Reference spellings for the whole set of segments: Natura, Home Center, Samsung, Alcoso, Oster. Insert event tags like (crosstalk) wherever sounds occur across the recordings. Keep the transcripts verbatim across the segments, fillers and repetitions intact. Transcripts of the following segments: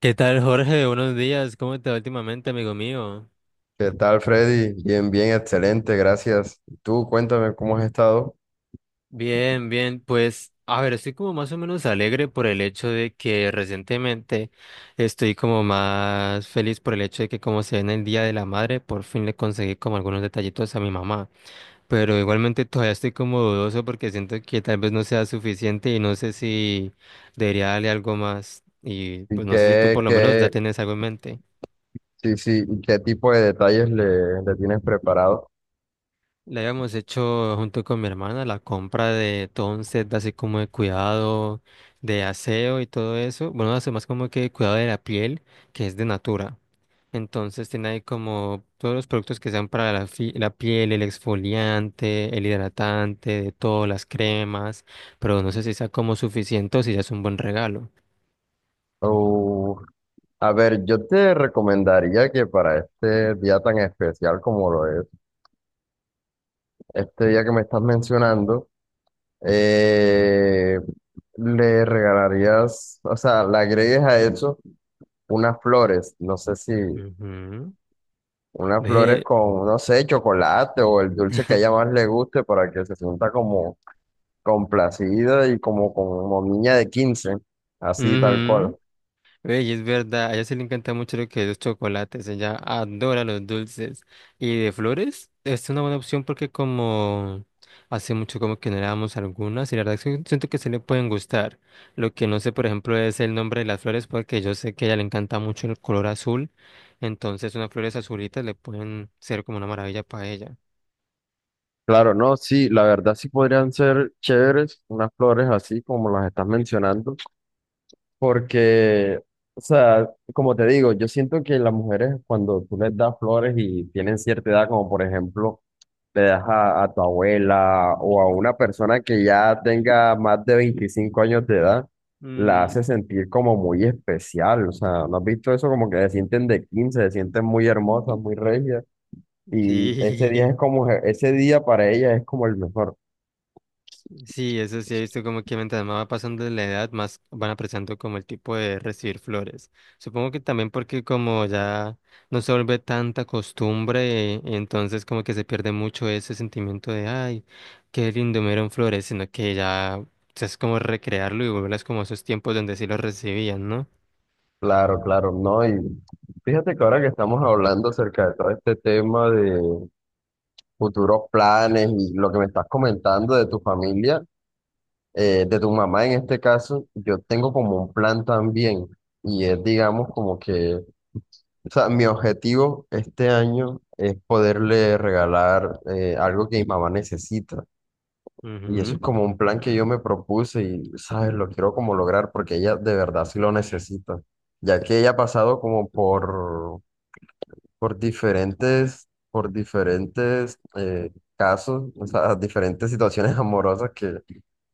¿Qué tal, Jorge? Buenos días. ¿Cómo te va últimamente, amigo mío? ¿Qué tal, Freddy? Bien, bien, excelente, gracias. Y tú, cuéntame cómo has estado Bien, bien. Pues, a ver, estoy como más o menos alegre por el hecho de que recientemente estoy como más feliz por el hecho de que como se viene el Día de la Madre, por fin le conseguí como algunos detallitos a mi mamá. Pero igualmente todavía estoy como dudoso porque siento que tal vez no sea suficiente y no sé si debería darle algo más. Y y pues no sé si tú qué, por lo menos qué, ya tienes algo en mente. sí, sí, y qué tipo de detalles le, le tienes preparado. Le habíamos hecho junto con mi hermana la compra de todo un set así como de cuidado, de aseo y todo eso. Bueno, hace más como que de cuidado de la piel, que es de Natura. Entonces tiene ahí como todos los productos que sean para la, fi- la piel, el exfoliante, el hidratante, de todas las cremas, pero no sé si sea como suficiente o si ya es un buen regalo. Uh, a ver, yo te recomendaría que para este día tan especial como lo es, este día que me estás mencionando, eh, le regalarías, o sea, le agregues a eso unas flores. No sé si, Ujú. unas flores Ve. con, no sé, chocolate o el dulce que a ella (laughs) más le guste para que se sienta como complacida y como, como niña de quince, así tal Ujú. cual. Ey, es verdad, a ella se le encanta mucho lo que es los chocolates, ella adora los dulces. Y de flores, es una buena opción porque como hace mucho como que no le damos algunas y la verdad es que siento que se le pueden gustar. Lo que no sé, por ejemplo, es el nombre de las flores porque yo sé que a ella le encanta mucho el color azul, entonces unas flores azulitas le pueden ser como una maravilla para ella. Claro, no, sí, la verdad sí podrían ser chéveres unas flores así como las estás mencionando, porque, o sea, como te digo, yo siento que las mujeres cuando tú les das flores y tienen cierta edad, como por ejemplo le das a, a tu abuela o a una persona que ya tenga más de veinticinco años de edad, la hace Ujú. sentir como muy especial. O sea, ¿no has visto eso? Como que se sienten de quince, se sienten muy hermosas, muy regias. Y ese día Sí. es (laughs) como, ese día para ellas es como el mejor. Sí, eso sí he visto como que mientras más va pasando la edad, más van apreciando como el tipo de recibir flores. Supongo que también porque como ya no se vuelve tanta costumbre, eh, entonces como que se pierde mucho ese sentimiento de, ay, qué lindo me dieron flores, sino que ya o sea, es como recrearlo y volverlas como a esos tiempos donde sí los recibían, ¿no? Claro, claro, no. Y fíjate que ahora que estamos hablando acerca de todo este tema de futuros planes y lo que me estás comentando de tu familia, eh, de tu mamá en este caso, yo tengo como un plan también y es, digamos, como que, o sea, mi objetivo este año es poderle regalar eh, algo que mi mamá necesita. Y eso Ujú. es como un plan Ujú. que yo me propuse y, ¿sabes?, lo quiero como lograr porque ella de verdad sí lo necesita, ya que ella ha pasado como por, por diferentes, por diferentes eh, casos, o sea, diferentes situaciones (laughs) amorosas que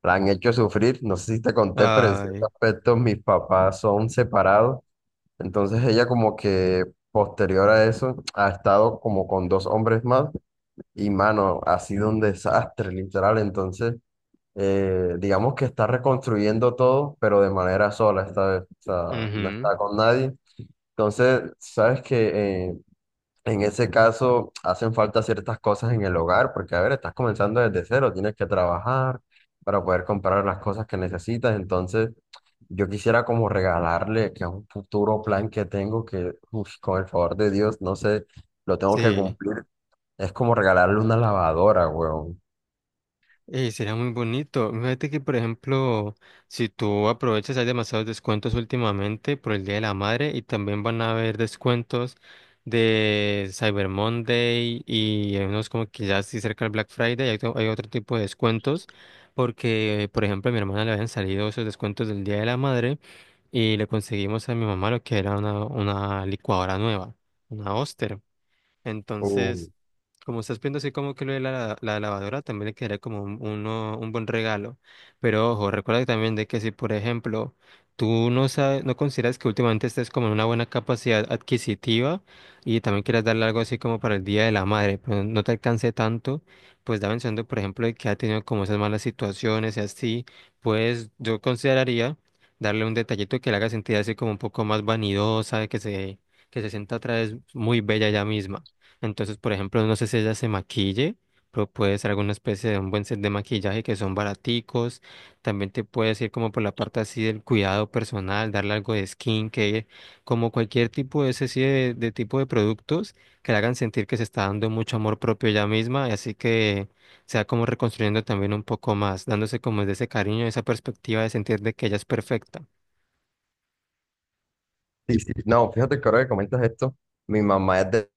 la han hecho sufrir, no sé si te conté, pero en cierto Ay. aspecto mis papás son separados. Entonces ella como que posterior a eso ha estado como con dos hombres más y mano, ha sido un desastre literal. Entonces eh, digamos que está reconstruyendo todo, pero de manera sola esta vez. O sea, no Ujú. está con nadie. Entonces, sabes que eh, en ese caso, hacen falta ciertas cosas en el hogar, porque, a ver, estás comenzando desde cero, tienes que trabajar para poder comprar las cosas que necesitas. Entonces, yo quisiera como regalarle, que es un futuro plan que tengo, que, uf, con el favor de Dios, no sé, lo tengo que Sí. cumplir. Es como regalarle una lavadora, weón. Eh, sería muy bonito. Fíjate que, por ejemplo, si tú aprovechas, hay demasiados descuentos últimamente por el Día de la Madre y también van a haber descuentos de Cyber Monday y hay unos como que ya sí cerca del Black Friday hay, otro hay otro tipo de descuentos porque, por ejemplo, a mi hermana le habían salido esos descuentos del Día de la Madre y le conseguimos a mi mamá lo que era una, una licuadora nueva, una Oster. Uh, Entonces, como estás viendo así como que lo de la, la lavadora, también le quedaría como un, uno- un buen regalo. Pero ojo, recuerda también de que si, por ejemplo, tú no sabes, no consideras que últimamente estés como en una buena capacidad adquisitiva y también quieras darle algo así como para el Día de la Madre, pero no te alcance tanto, pues da mencionando, por ejemplo, de que ha tenido como esas malas situaciones y así, pues yo consideraría darle un detallito que le haga sentir así como un poco más vanidosa, que se, que se sienta otra vez muy bella ella misma. Entonces, por ejemplo, no sé si ella se maquille, pero puede ser alguna especie de un buen set de maquillaje que son baraticos. También te puedes ir como por la parte así del cuidado personal, darle algo de skincare, como cualquier tipo de ese sí de, de tipo de productos que le hagan sentir que se está dando mucho amor propio ella misma, y así que sea como reconstruyendo también un poco más, dándose como de ese cariño, esa perspectiva de sentir de que ella es perfecta. sí, sí. No, fíjate que ahora que comentas esto, mi mamá es de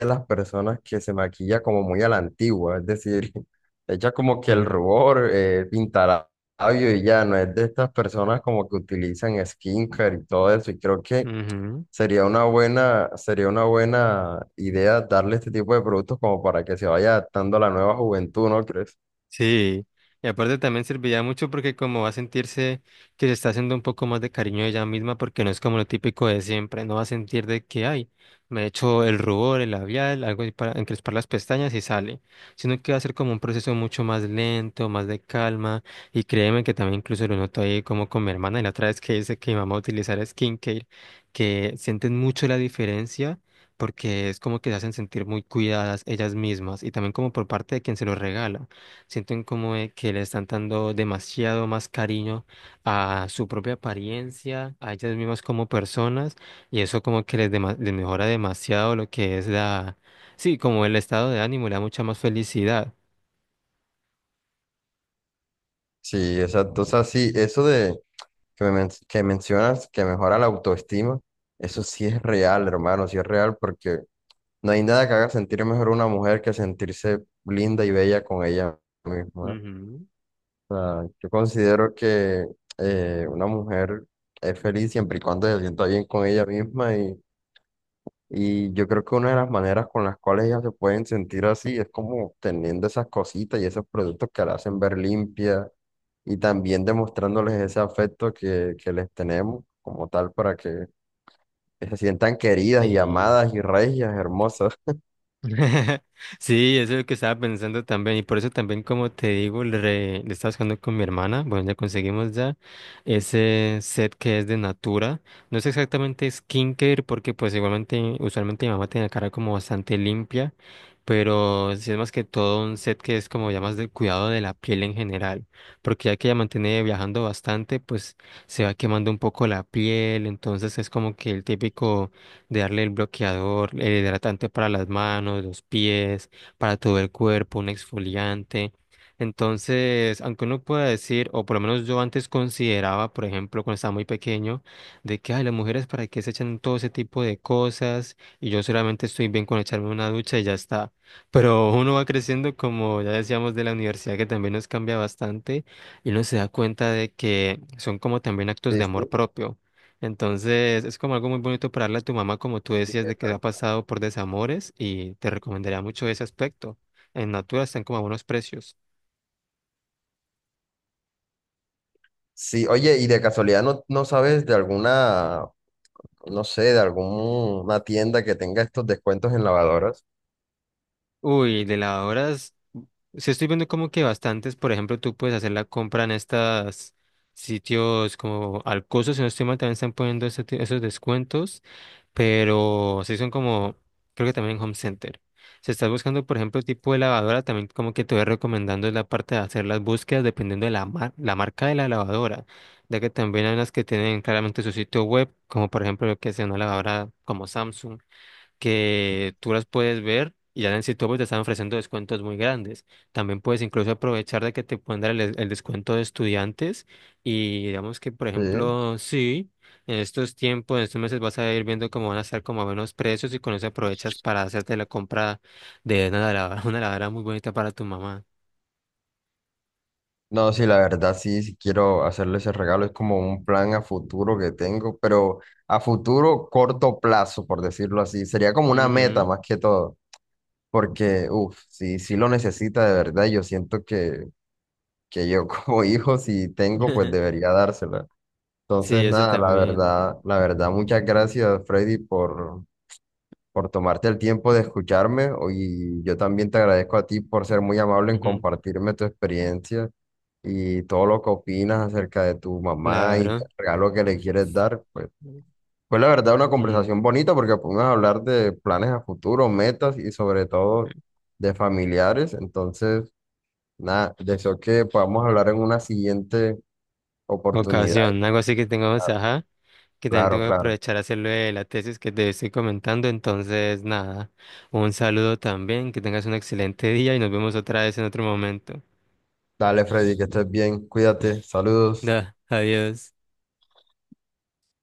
de las personas que se maquilla como muy a la antigua, es decir, (laughs) echa como que el Ujú. rubor, eh, pintará labio y ya, no es de estas personas como que utilizan skincare y todo eso, y creo que Ujú. sería una buena, sería una buena idea darle este tipo de productos como para que se vaya adaptando a la nueva juventud, ¿no crees? Sí, y aparte también serviría mucho porque como va a sentirse que se está haciendo un poco más de cariño de ella misma porque no es como lo típico de siempre, no va a sentir de que hay, me he hecho el rubor, el labial, algo ahí para encrespar las pestañas y sale, sino que va a ser como un proceso mucho más lento, más de calma y créeme que también incluso lo noto ahí como con mi hermana y la otra vez que dice que mi mamá va a utilizar skincare, que sienten mucho la diferencia. Porque es como que se hacen sentir muy cuidadas ellas mismas y también como por parte de quien se lo regala. Sienten como de que le están dando demasiado más cariño a su propia apariencia, a ellas mismas como personas, y eso como que les, dema- les mejora demasiado lo que es la, sí, como el estado de ánimo, le da mucha más felicidad. Sí, exacto, o sea, sí, eso de que, me men- que mencionas que mejora la autoestima, eso sí es real, hermano, sí es real porque... No hay nada que haga sentir mejor a una mujer que sentirse linda y bella con ella misma. Ujú. O sea, yo considero que eh, una mujer es feliz siempre y cuando se sienta bien con ella misma y, y yo creo que una de las maneras con las cuales ellas se pueden sentir así es como teniendo esas cositas y esos productos que la hacen ver limpia y también demostrándoles ese afecto que, que les tenemos como tal para que se sientan queridas y Sí. amadas y regias, hermosas. (laughs) Sí, eso es lo que estaba pensando también y por eso también como te digo le, re- le estaba buscando con mi hermana, bueno ya conseguimos ya ese set que es de Natura, no es exactamente skincare porque pues igualmente usualmente mi mamá tiene la cara como bastante limpia, pero sí es más que todo un set que es como ya más del cuidado de la piel en general, porque ya que ella mantiene viajando bastante pues se va quemando un poco la piel, entonces es como que el típico de darle el bloqueador, el hidratante para las manos, los pies, para todo el cuerpo, un exfoliante. Entonces, aunque uno pueda decir, o por lo menos yo antes consideraba, por ejemplo, cuando estaba muy pequeño, de que, ay, las mujeres para qué se echan todo ese tipo de cosas y yo solamente estoy bien con echarme una ducha y ya está. Pero uno va creciendo, como ya decíamos, de la universidad, que también nos cambia bastante y uno se da cuenta de que son como también actos de Sí, amor propio. Entonces, es como algo muy bonito para darle a tu mamá, como tú sí. decías, de que ha pasado por desamores y te recomendaría mucho ese aspecto. En Natura están como a buenos precios. Sí, oye, y de casualidad no, no sabes de alguna, no sé, de alguna tienda que tenga estos descuentos en lavadoras. Uy, de lavadoras, sí estoy viendo como que bastantes, por ejemplo, tú puedes hacer la compra en estas sitios como Alcoso, si no estoy mal, también están poniendo ese ti- esos descuentos. Pero sí son como, creo que también en Home Center. Si estás buscando, por ejemplo, tipo de lavadora, también como que te voy recomendando es la parte de hacer las búsquedas dependiendo de la, mar- la marca de la lavadora, ya que también hay unas que tienen claramente su sitio web, como por ejemplo lo que sea una lavadora como Samsung que tú las puedes ver y ya en el sitio web te están ofreciendo descuentos muy grandes. También puedes incluso aprovechar de que te pueden dar el, des- el descuento de estudiantes y digamos que, por Sí. ejemplo, sí, en estos tiempos, en estos meses vas a ir viendo cómo van a estar como a buenos precios y con eso aprovechas para hacerte la compra de una lavadora, (laughs) una lavadora muy bonita para tu mamá. No, sí, la verdad sí, sí quiero hacerle ese regalo, es como un plan a futuro que tengo, pero a futuro corto plazo, por decirlo así, sería como una meta Ujú. más que todo, porque, uff, sí, sí lo necesita de verdad, yo siento que, que yo (laughs) como hijo, si tengo, pues (laughs) debería dársela. Sí, Entonces, eso nada, la también. verdad, la verdad, muchas gracias, Freddy, por por tomarte el tiempo de escucharme o- y yo también te agradezco a ti por ser muy amable en Ujú. compartirme tu experiencia y todo lo que opinas acerca de tu mamá y el Claro. regalo que le quieres dar. Pues fue la verdad una Ujú. conversación bonita porque pudimos hablar de planes a futuro, metas y sobre todo de familiares. Entonces, nada, deseo que podamos hablar en una siguiente oportunidad. Ocasión, algo así que tengamos, ajá. Que también Claro, tengo que claro. aprovechar a hacerlo de la tesis que te estoy comentando. Entonces, nada, un saludo también, que tengas un excelente día y nos vemos otra vez en otro momento. Dale, Freddy, que estés bien. Cuídate. Saludos. Da, adiós.